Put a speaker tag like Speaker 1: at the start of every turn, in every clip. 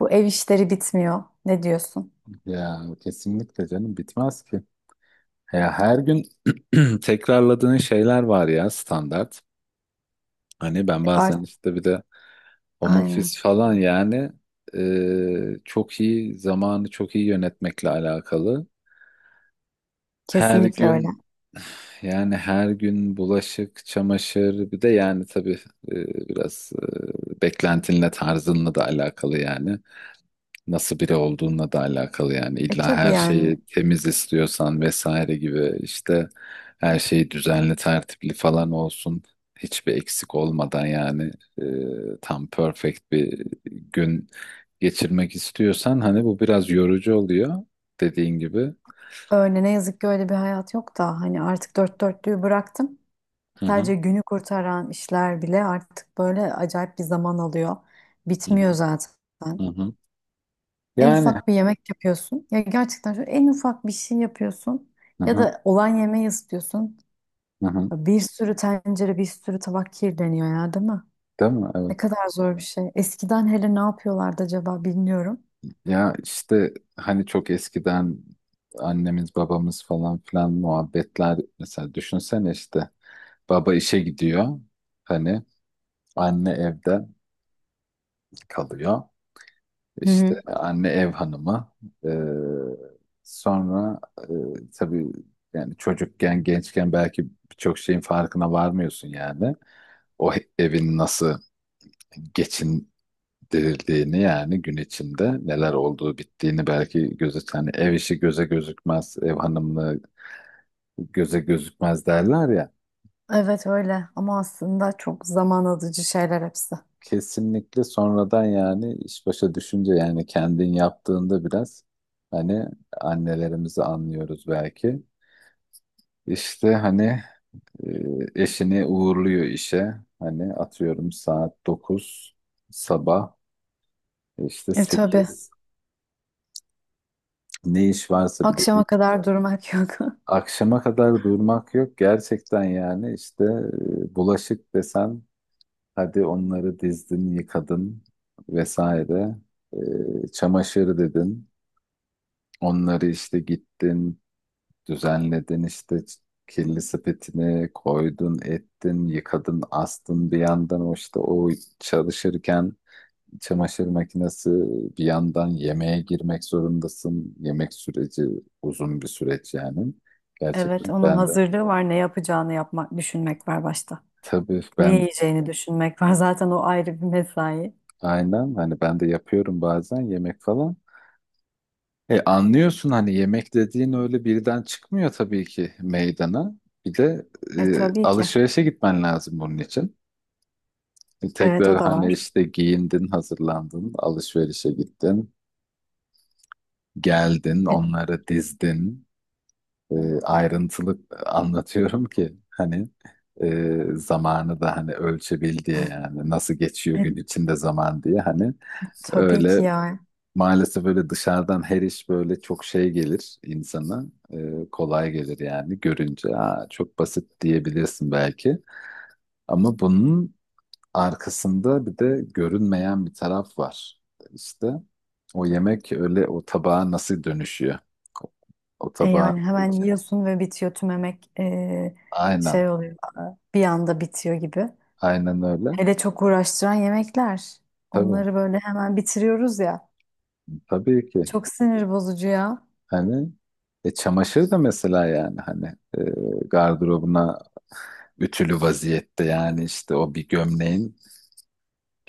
Speaker 1: Bu ev işleri bitmiyor. Ne diyorsun?
Speaker 2: Ya kesinlikle canım bitmez ki. Ya her gün tekrarladığın şeyler var ya standart. Hani ben bazen
Speaker 1: Art
Speaker 2: işte bir de home
Speaker 1: aynen.
Speaker 2: office falan yani çok iyi zamanı çok iyi yönetmekle alakalı. Her
Speaker 1: Kesinlikle öyle.
Speaker 2: gün yani her gün bulaşık, çamaşır bir de yani tabii biraz beklentinle tarzınla da alakalı yani. Nasıl biri olduğunla da alakalı yani
Speaker 1: E
Speaker 2: illa
Speaker 1: tabii
Speaker 2: her
Speaker 1: yani
Speaker 2: şeyi temiz istiyorsan vesaire gibi işte her şey düzenli tertipli falan olsun, hiçbir eksik olmadan yani tam perfect bir gün geçirmek istiyorsan hani bu biraz yorucu oluyor dediğin gibi.
Speaker 1: öyle ne yazık ki öyle bir hayat yok da hani artık dört dörtlüğü bıraktım.
Speaker 2: Hı hı,
Speaker 1: Sadece günü kurtaran işler bile artık böyle acayip bir zaman alıyor.
Speaker 2: hı hı,
Speaker 1: Bitmiyor zaten.
Speaker 2: hı hı.
Speaker 1: En
Speaker 2: Yani
Speaker 1: ufak bir yemek yapıyorsun. Ya gerçekten şu en ufak bir şey yapıyorsun.
Speaker 2: hı
Speaker 1: Ya
Speaker 2: hı,
Speaker 1: da olan yemeği ısıtıyorsun.
Speaker 2: hı hı.
Speaker 1: Bir sürü tencere, bir sürü tabak kirleniyor ya, değil mi?
Speaker 2: Değil mi?
Speaker 1: Ne
Speaker 2: Evet.
Speaker 1: kadar zor bir şey. Eskiden hele ne yapıyorlardı acaba bilmiyorum.
Speaker 2: Ya işte hani çok eskiden annemiz babamız falan filan muhabbetler mesela, düşünsene işte baba işe gidiyor, hani anne evde kalıyor,
Speaker 1: Hı
Speaker 2: işte
Speaker 1: hı.
Speaker 2: anne ev hanımı. Ee, Sonra tabii yani çocukken gençken belki birçok şeyin farkına varmıyorsun yani o evin nasıl geçin dirildiğini yani gün içinde neler olduğu bittiğini belki göze, hani ev işi göze gözükmez, ev hanımlığı göze gözükmez derler ya.
Speaker 1: Evet öyle, ama aslında çok zaman alıcı şeyler hepsi.
Speaker 2: Kesinlikle sonradan yani iş başa düşünce yani kendin yaptığında biraz hani annelerimizi anlıyoruz belki. İşte hani eşini uğurluyor işe. Hani atıyorum saat 9 sabah, işte
Speaker 1: E tabii.
Speaker 2: 8, ne iş varsa bir de
Speaker 1: Akşama kadar durmak yok.
Speaker 2: akşama kadar durmak yok gerçekten yani işte bulaşık desen hadi onları dizdin yıkadın vesaire. Çamaşır dedin onları işte gittin düzenledin işte kirli sepetine koydun ettin yıkadın astın, bir yandan o işte o çalışırken çamaşır makinesi bir yandan yemeğe girmek zorundasın, yemek süreci uzun bir süreç yani
Speaker 1: Evet,
Speaker 2: gerçekten
Speaker 1: onun
Speaker 2: ben de.
Speaker 1: hazırlığı var. Ne yapacağını yapmak, düşünmek var başta.
Speaker 2: Tabii
Speaker 1: Ne
Speaker 2: ben
Speaker 1: yiyeceğini düşünmek var. Zaten o ayrı bir mesai.
Speaker 2: aynen hani ben de yapıyorum bazen yemek falan. Anlıyorsun hani yemek dediğin öyle birden çıkmıyor tabii ki meydana. Bir de
Speaker 1: E tabii ki.
Speaker 2: alışverişe gitmen lazım bunun için.
Speaker 1: Evet
Speaker 2: Tekrar
Speaker 1: o da
Speaker 2: hani
Speaker 1: var.
Speaker 2: işte giyindin, hazırlandın, alışverişe gittin, geldin,
Speaker 1: E,
Speaker 2: onları dizdin. E, Ayrıntılı anlatıyorum ki hani zamanı da hani ölçebil diye yani nasıl geçiyor
Speaker 1: e,
Speaker 2: gün içinde zaman diye hani
Speaker 1: tabii
Speaker 2: öyle.
Speaker 1: ki ya.
Speaker 2: Maalesef öyle, dışarıdan her iş böyle çok şey gelir insana. Kolay gelir yani görünce. Aa, çok basit diyebilirsin belki. Ama bunun arkasında bir de görünmeyen bir taraf var. İşte o yemek öyle o tabağa nasıl dönüşüyor? O, o
Speaker 1: E
Speaker 2: tabağın
Speaker 1: yani hemen yiyorsun ve bitiyor tümemek
Speaker 2: Aynen.
Speaker 1: şey oluyor. Bir anda bitiyor gibi.
Speaker 2: Aynen öyle.
Speaker 1: Hele çok uğraştıran yemekler.
Speaker 2: Tabii.
Speaker 1: Onları böyle hemen bitiriyoruz ya.
Speaker 2: Tabii ki.
Speaker 1: Çok sinir bozucu ya.
Speaker 2: Hani çamaşır da mesela yani hani e, gardırobuna ütülü vaziyette yani işte o bir gömleğin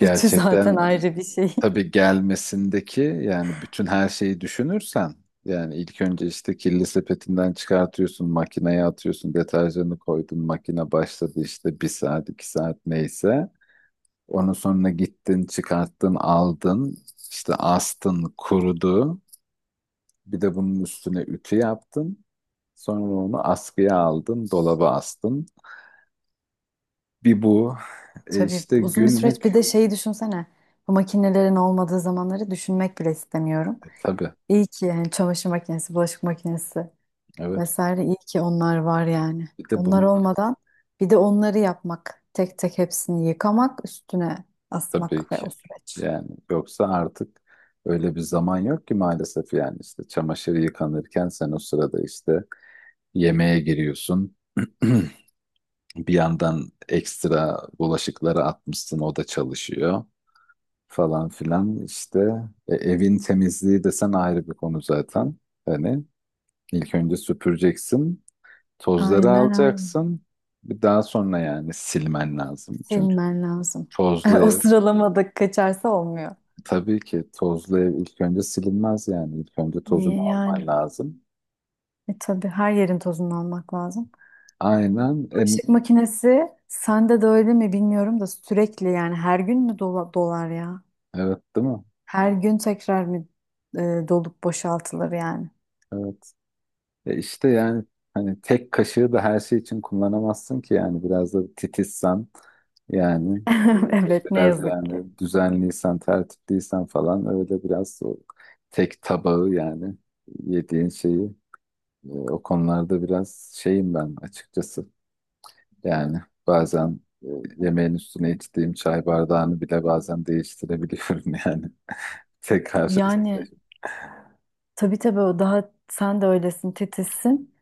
Speaker 1: Ütü zaten ayrı bir şey.
Speaker 2: tabii gelmesindeki yani bütün her şeyi düşünürsen yani ilk önce işte kirli sepetinden çıkartıyorsun, makineye atıyorsun, deterjanı koydun, makine başladı işte bir saat 2 saat neyse, onun sonra gittin çıkarttın aldın işte astın kurudu, bir de bunun üstüne ütü yaptım. Sonra onu askıya aldım, dolaba astım. Bir bu.
Speaker 1: Tabii
Speaker 2: İşte
Speaker 1: uzun bir süreç. Bir
Speaker 2: günlük.
Speaker 1: de şeyi düşünsene. Bu makinelerin olmadığı zamanları düşünmek bile istemiyorum.
Speaker 2: Tabii.
Speaker 1: İyi ki yani çamaşır makinesi, bulaşık makinesi
Speaker 2: Evet.
Speaker 1: vesaire, iyi ki onlar var yani.
Speaker 2: Bir de
Speaker 1: Onlar
Speaker 2: bunu
Speaker 1: olmadan bir de onları yapmak, tek tek hepsini yıkamak, üstüne
Speaker 2: tabii
Speaker 1: asmak ve
Speaker 2: ki.
Speaker 1: o süreç.
Speaker 2: Yani yoksa artık öyle bir zaman yok ki maalesef yani işte çamaşır yıkanırken sen o sırada işte yemeğe giriyorsun. Bir yandan ekstra bulaşıkları atmışsın o da çalışıyor falan filan işte. Evin temizliği desen ayrı bir konu zaten. Hani İlk önce süpüreceksin, tozları
Speaker 1: Aynen öyle.
Speaker 2: alacaksın. Bir daha sonra yani silmen lazım. Çünkü
Speaker 1: Silmen lazım.
Speaker 2: tozlu
Speaker 1: O
Speaker 2: ev,
Speaker 1: sıralamada kaçarsa olmuyor.
Speaker 2: tabii ki tozlu ev ilk önce silinmez yani. İlk önce tozunu
Speaker 1: İyi yani.
Speaker 2: alman lazım.
Speaker 1: E tabii her yerin tozunu almak lazım.
Speaker 2: Aynen,
Speaker 1: Bulaşık makinesi sende de öyle mi bilmiyorum da sürekli yani her gün mü dolar ya?
Speaker 2: evet değil mi?
Speaker 1: Her gün tekrar mı e, dolup boşaltılır yani?
Speaker 2: Evet. İşte yani hani tek kaşığı da her şey için kullanamazsın ki yani biraz da titizsen yani e,
Speaker 1: Evet ne
Speaker 2: biraz
Speaker 1: yazık ki.
Speaker 2: yani düzenliysen, tertipliysen falan öyle biraz o tek tabağı yani yediğin şeyi. O konularda biraz şeyim ben açıkçası. Yani bazen e, yemeğin üstüne içtiğim çay bardağını bile bazen değiştirebiliyorum yani. Tekrar
Speaker 1: Yani
Speaker 2: içerim.
Speaker 1: tabii o daha, sen de öylesin, titizsin.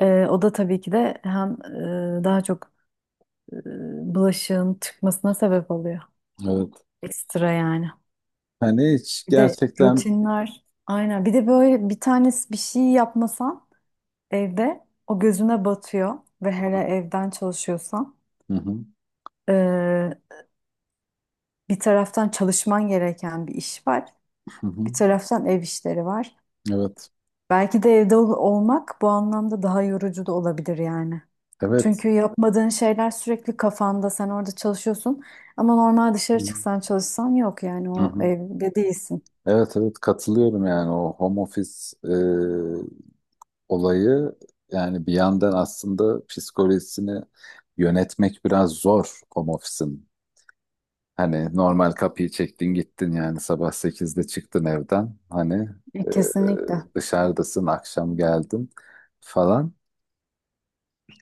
Speaker 1: E, o da tabii ki de hem daha çok e, bulaşığın çıkmasına sebep oluyor.
Speaker 2: Evet.
Speaker 1: Ekstra yani.
Speaker 2: Hani hiç
Speaker 1: Bir de
Speaker 2: gerçekten.
Speaker 1: rutinler, aynen, bir de böyle bir tanesi bir şey yapmasan, evde o gözüne batıyor ve hele evden çalışıyorsan,
Speaker 2: Hı hı,
Speaker 1: eee, bir taraftan çalışman gereken bir iş var,
Speaker 2: hı
Speaker 1: bir
Speaker 2: hı.
Speaker 1: taraftan ev işleri var.
Speaker 2: Evet.
Speaker 1: Belki de evde olmak bu anlamda daha yorucu da olabilir yani.
Speaker 2: Evet.
Speaker 1: Çünkü yapmadığın şeyler sürekli kafanda, sen orada çalışıyorsun, ama normal
Speaker 2: Hı
Speaker 1: dışarı
Speaker 2: hı.
Speaker 1: çıksan çalışsan yok, yani
Speaker 2: Hı
Speaker 1: o
Speaker 2: hı.
Speaker 1: evde değilsin.
Speaker 2: Evet, evet, katılıyorum yani o home office e, olayı yani bir yandan aslında psikolojisini yönetmek biraz zor home office'in. Hani normal kapıyı çektin gittin yani sabah 8'de çıktın evden. Hani
Speaker 1: E,
Speaker 2: e,
Speaker 1: kesinlikle.
Speaker 2: dışarıdasın akşam geldin falan.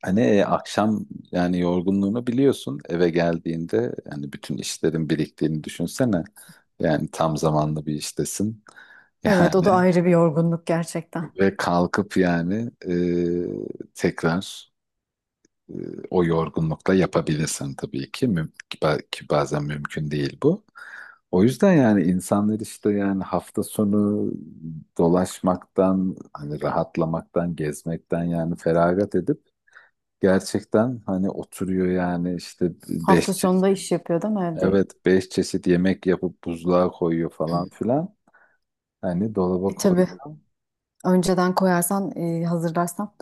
Speaker 2: Hani akşam yani yorgunluğunu biliyorsun eve geldiğinde yani bütün işlerin biriktiğini düşünsene. Yani tam zamanlı bir iştesin.
Speaker 1: Evet, o da
Speaker 2: Yani
Speaker 1: ayrı bir yorgunluk gerçekten.
Speaker 2: ve kalkıp yani tekrar. E, O yorgunlukla yapabilirsin tabii ki. Ki bazen mümkün değil bu. O yüzden yani insanlar işte yani hafta sonu dolaşmaktan, hani rahatlamaktan, gezmekten yani feragat edip gerçekten hani oturuyor yani işte
Speaker 1: Hafta
Speaker 2: 5 çeşit,
Speaker 1: sonunda iş yapıyor, değil mi evde?
Speaker 2: evet 5 çeşit yemek yapıp buzluğa koyuyor falan filan. Hani dolaba
Speaker 1: E, tabii.
Speaker 2: koyuyor.
Speaker 1: Önceden koyarsan, hazırlarsan,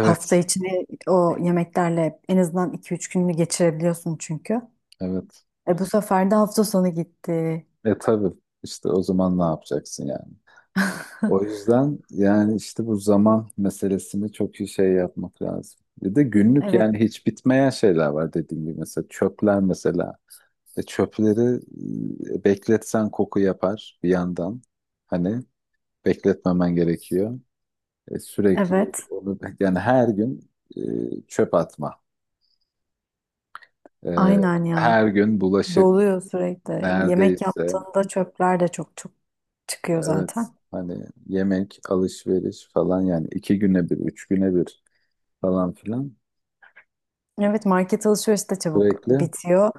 Speaker 1: hafta içini o yemeklerle en azından iki üç gününü geçirebiliyorsun çünkü.
Speaker 2: evet.
Speaker 1: E bu sefer de hafta sonu gitti.
Speaker 2: Tabii işte o zaman ne yapacaksın yani? O yüzden yani işte bu zaman meselesini çok iyi şey yapmak lazım. Bir de günlük
Speaker 1: Evet,
Speaker 2: yani hiç bitmeyen şeyler var dediğim gibi mesela çöpler mesela. Çöpleri bekletsen koku yapar bir yandan. Hani bekletmemen gerekiyor. Sürekli
Speaker 1: evet.
Speaker 2: onu yani her gün e, çöp atma. E,
Speaker 1: Aynen ya.
Speaker 2: Her gün bulaşık
Speaker 1: Doluyor sürekli. Yemek
Speaker 2: neredeyse,
Speaker 1: yaptığında çöpler de çok çok çıkıyor
Speaker 2: evet
Speaker 1: zaten.
Speaker 2: hani yemek, alışveriş falan yani 2 güne 1, 3 güne 1 falan filan.
Speaker 1: Evet, market alışverişi de çabuk
Speaker 2: Sürekli.
Speaker 1: bitiyor.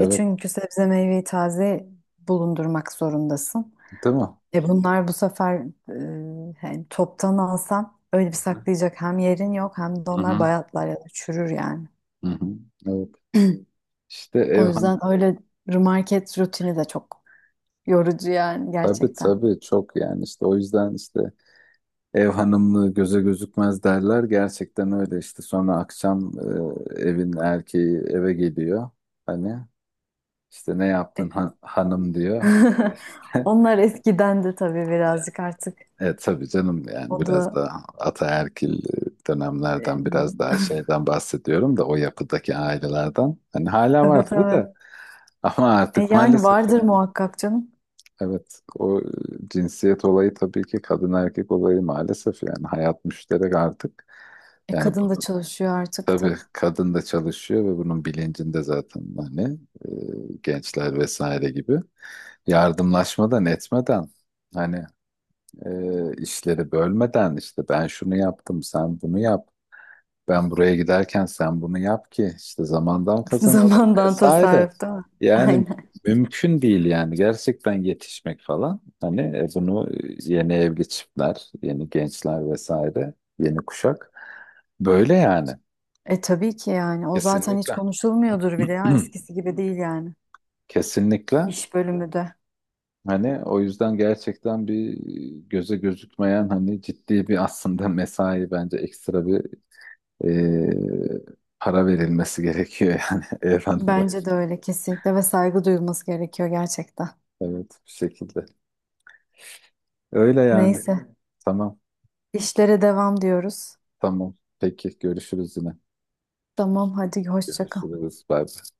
Speaker 1: E çünkü sebze meyveyi taze bulundurmak zorundasın.
Speaker 2: Değil mi?
Speaker 1: E bunlar bu sefer, hani toptan alsan öyle bir saklayacak hem yerin yok, hem de
Speaker 2: Hı
Speaker 1: onlar
Speaker 2: hı.
Speaker 1: bayatlar ya da çürür yani.
Speaker 2: Hı hı. Evet. İşte ev
Speaker 1: O
Speaker 2: hanım.
Speaker 1: yüzden öyle, market rutini de çok yorucu yani
Speaker 2: Tabii
Speaker 1: gerçekten.
Speaker 2: tabii çok yani işte o yüzden işte ev hanımlığı göze gözükmez derler. Gerçekten öyle işte sonra akşam evin erkeği eve geliyor. Hani işte ne
Speaker 1: E,
Speaker 2: yaptın hanım diyor.
Speaker 1: onlar eskidendi tabii,
Speaker 2: İşte.
Speaker 1: birazcık artık.
Speaker 2: Evet tabii canım
Speaker 1: O
Speaker 2: yani biraz
Speaker 1: da
Speaker 2: da ataerkil
Speaker 1: e,
Speaker 2: dönemlerden biraz daha şeyden bahsediyorum da o yapıdaki ailelerden. Hani hala var
Speaker 1: evet
Speaker 2: tabii
Speaker 1: evet.
Speaker 2: de ama
Speaker 1: E
Speaker 2: artık
Speaker 1: yani
Speaker 2: maalesef
Speaker 1: vardır
Speaker 2: yani
Speaker 1: muhakkak canım.
Speaker 2: evet o cinsiyet olayı tabii ki kadın erkek olayı maalesef yani hayat müşterek artık.
Speaker 1: E
Speaker 2: Yani
Speaker 1: kadın da
Speaker 2: bunu
Speaker 1: çalışıyor artık
Speaker 2: tabii
Speaker 1: tabii.
Speaker 2: kadın da çalışıyor ve bunun bilincinde zaten hani gençler vesaire gibi yardımlaşmadan etmeden hani işleri bölmeden işte ben şunu yaptım sen bunu yap, ben buraya giderken sen bunu yap ki işte zamandan kazanalım
Speaker 1: Zamandan
Speaker 2: vesaire.
Speaker 1: tasarruf, değil mi?
Speaker 2: Yani
Speaker 1: Aynen.
Speaker 2: mümkün değil yani gerçekten yetişmek falan hani bunu yeni evli çiftler, yeni gençler vesaire, yeni kuşak böyle yani
Speaker 1: E tabii ki yani. O zaten hiç
Speaker 2: kesinlikle
Speaker 1: konuşulmuyordur bile ya. Eskisi gibi değil yani.
Speaker 2: kesinlikle
Speaker 1: İş bölümü de.
Speaker 2: hani o yüzden gerçekten bir göze gözükmeyen hani ciddi bir aslında mesai bence ekstra bir e, para verilmesi gerekiyor yani Evren'e.
Speaker 1: Bence de öyle kesinlikle, ve saygı duyulması gerekiyor gerçekten.
Speaker 2: Evet, bu şekilde. Öyle yani.
Speaker 1: Neyse.
Speaker 2: Tamam,
Speaker 1: İşlere devam diyoruz.
Speaker 2: tamam. Peki, görüşürüz yine.
Speaker 1: Tamam, hadi hoşça kal.
Speaker 2: Görüşürüz. Bye. Bye.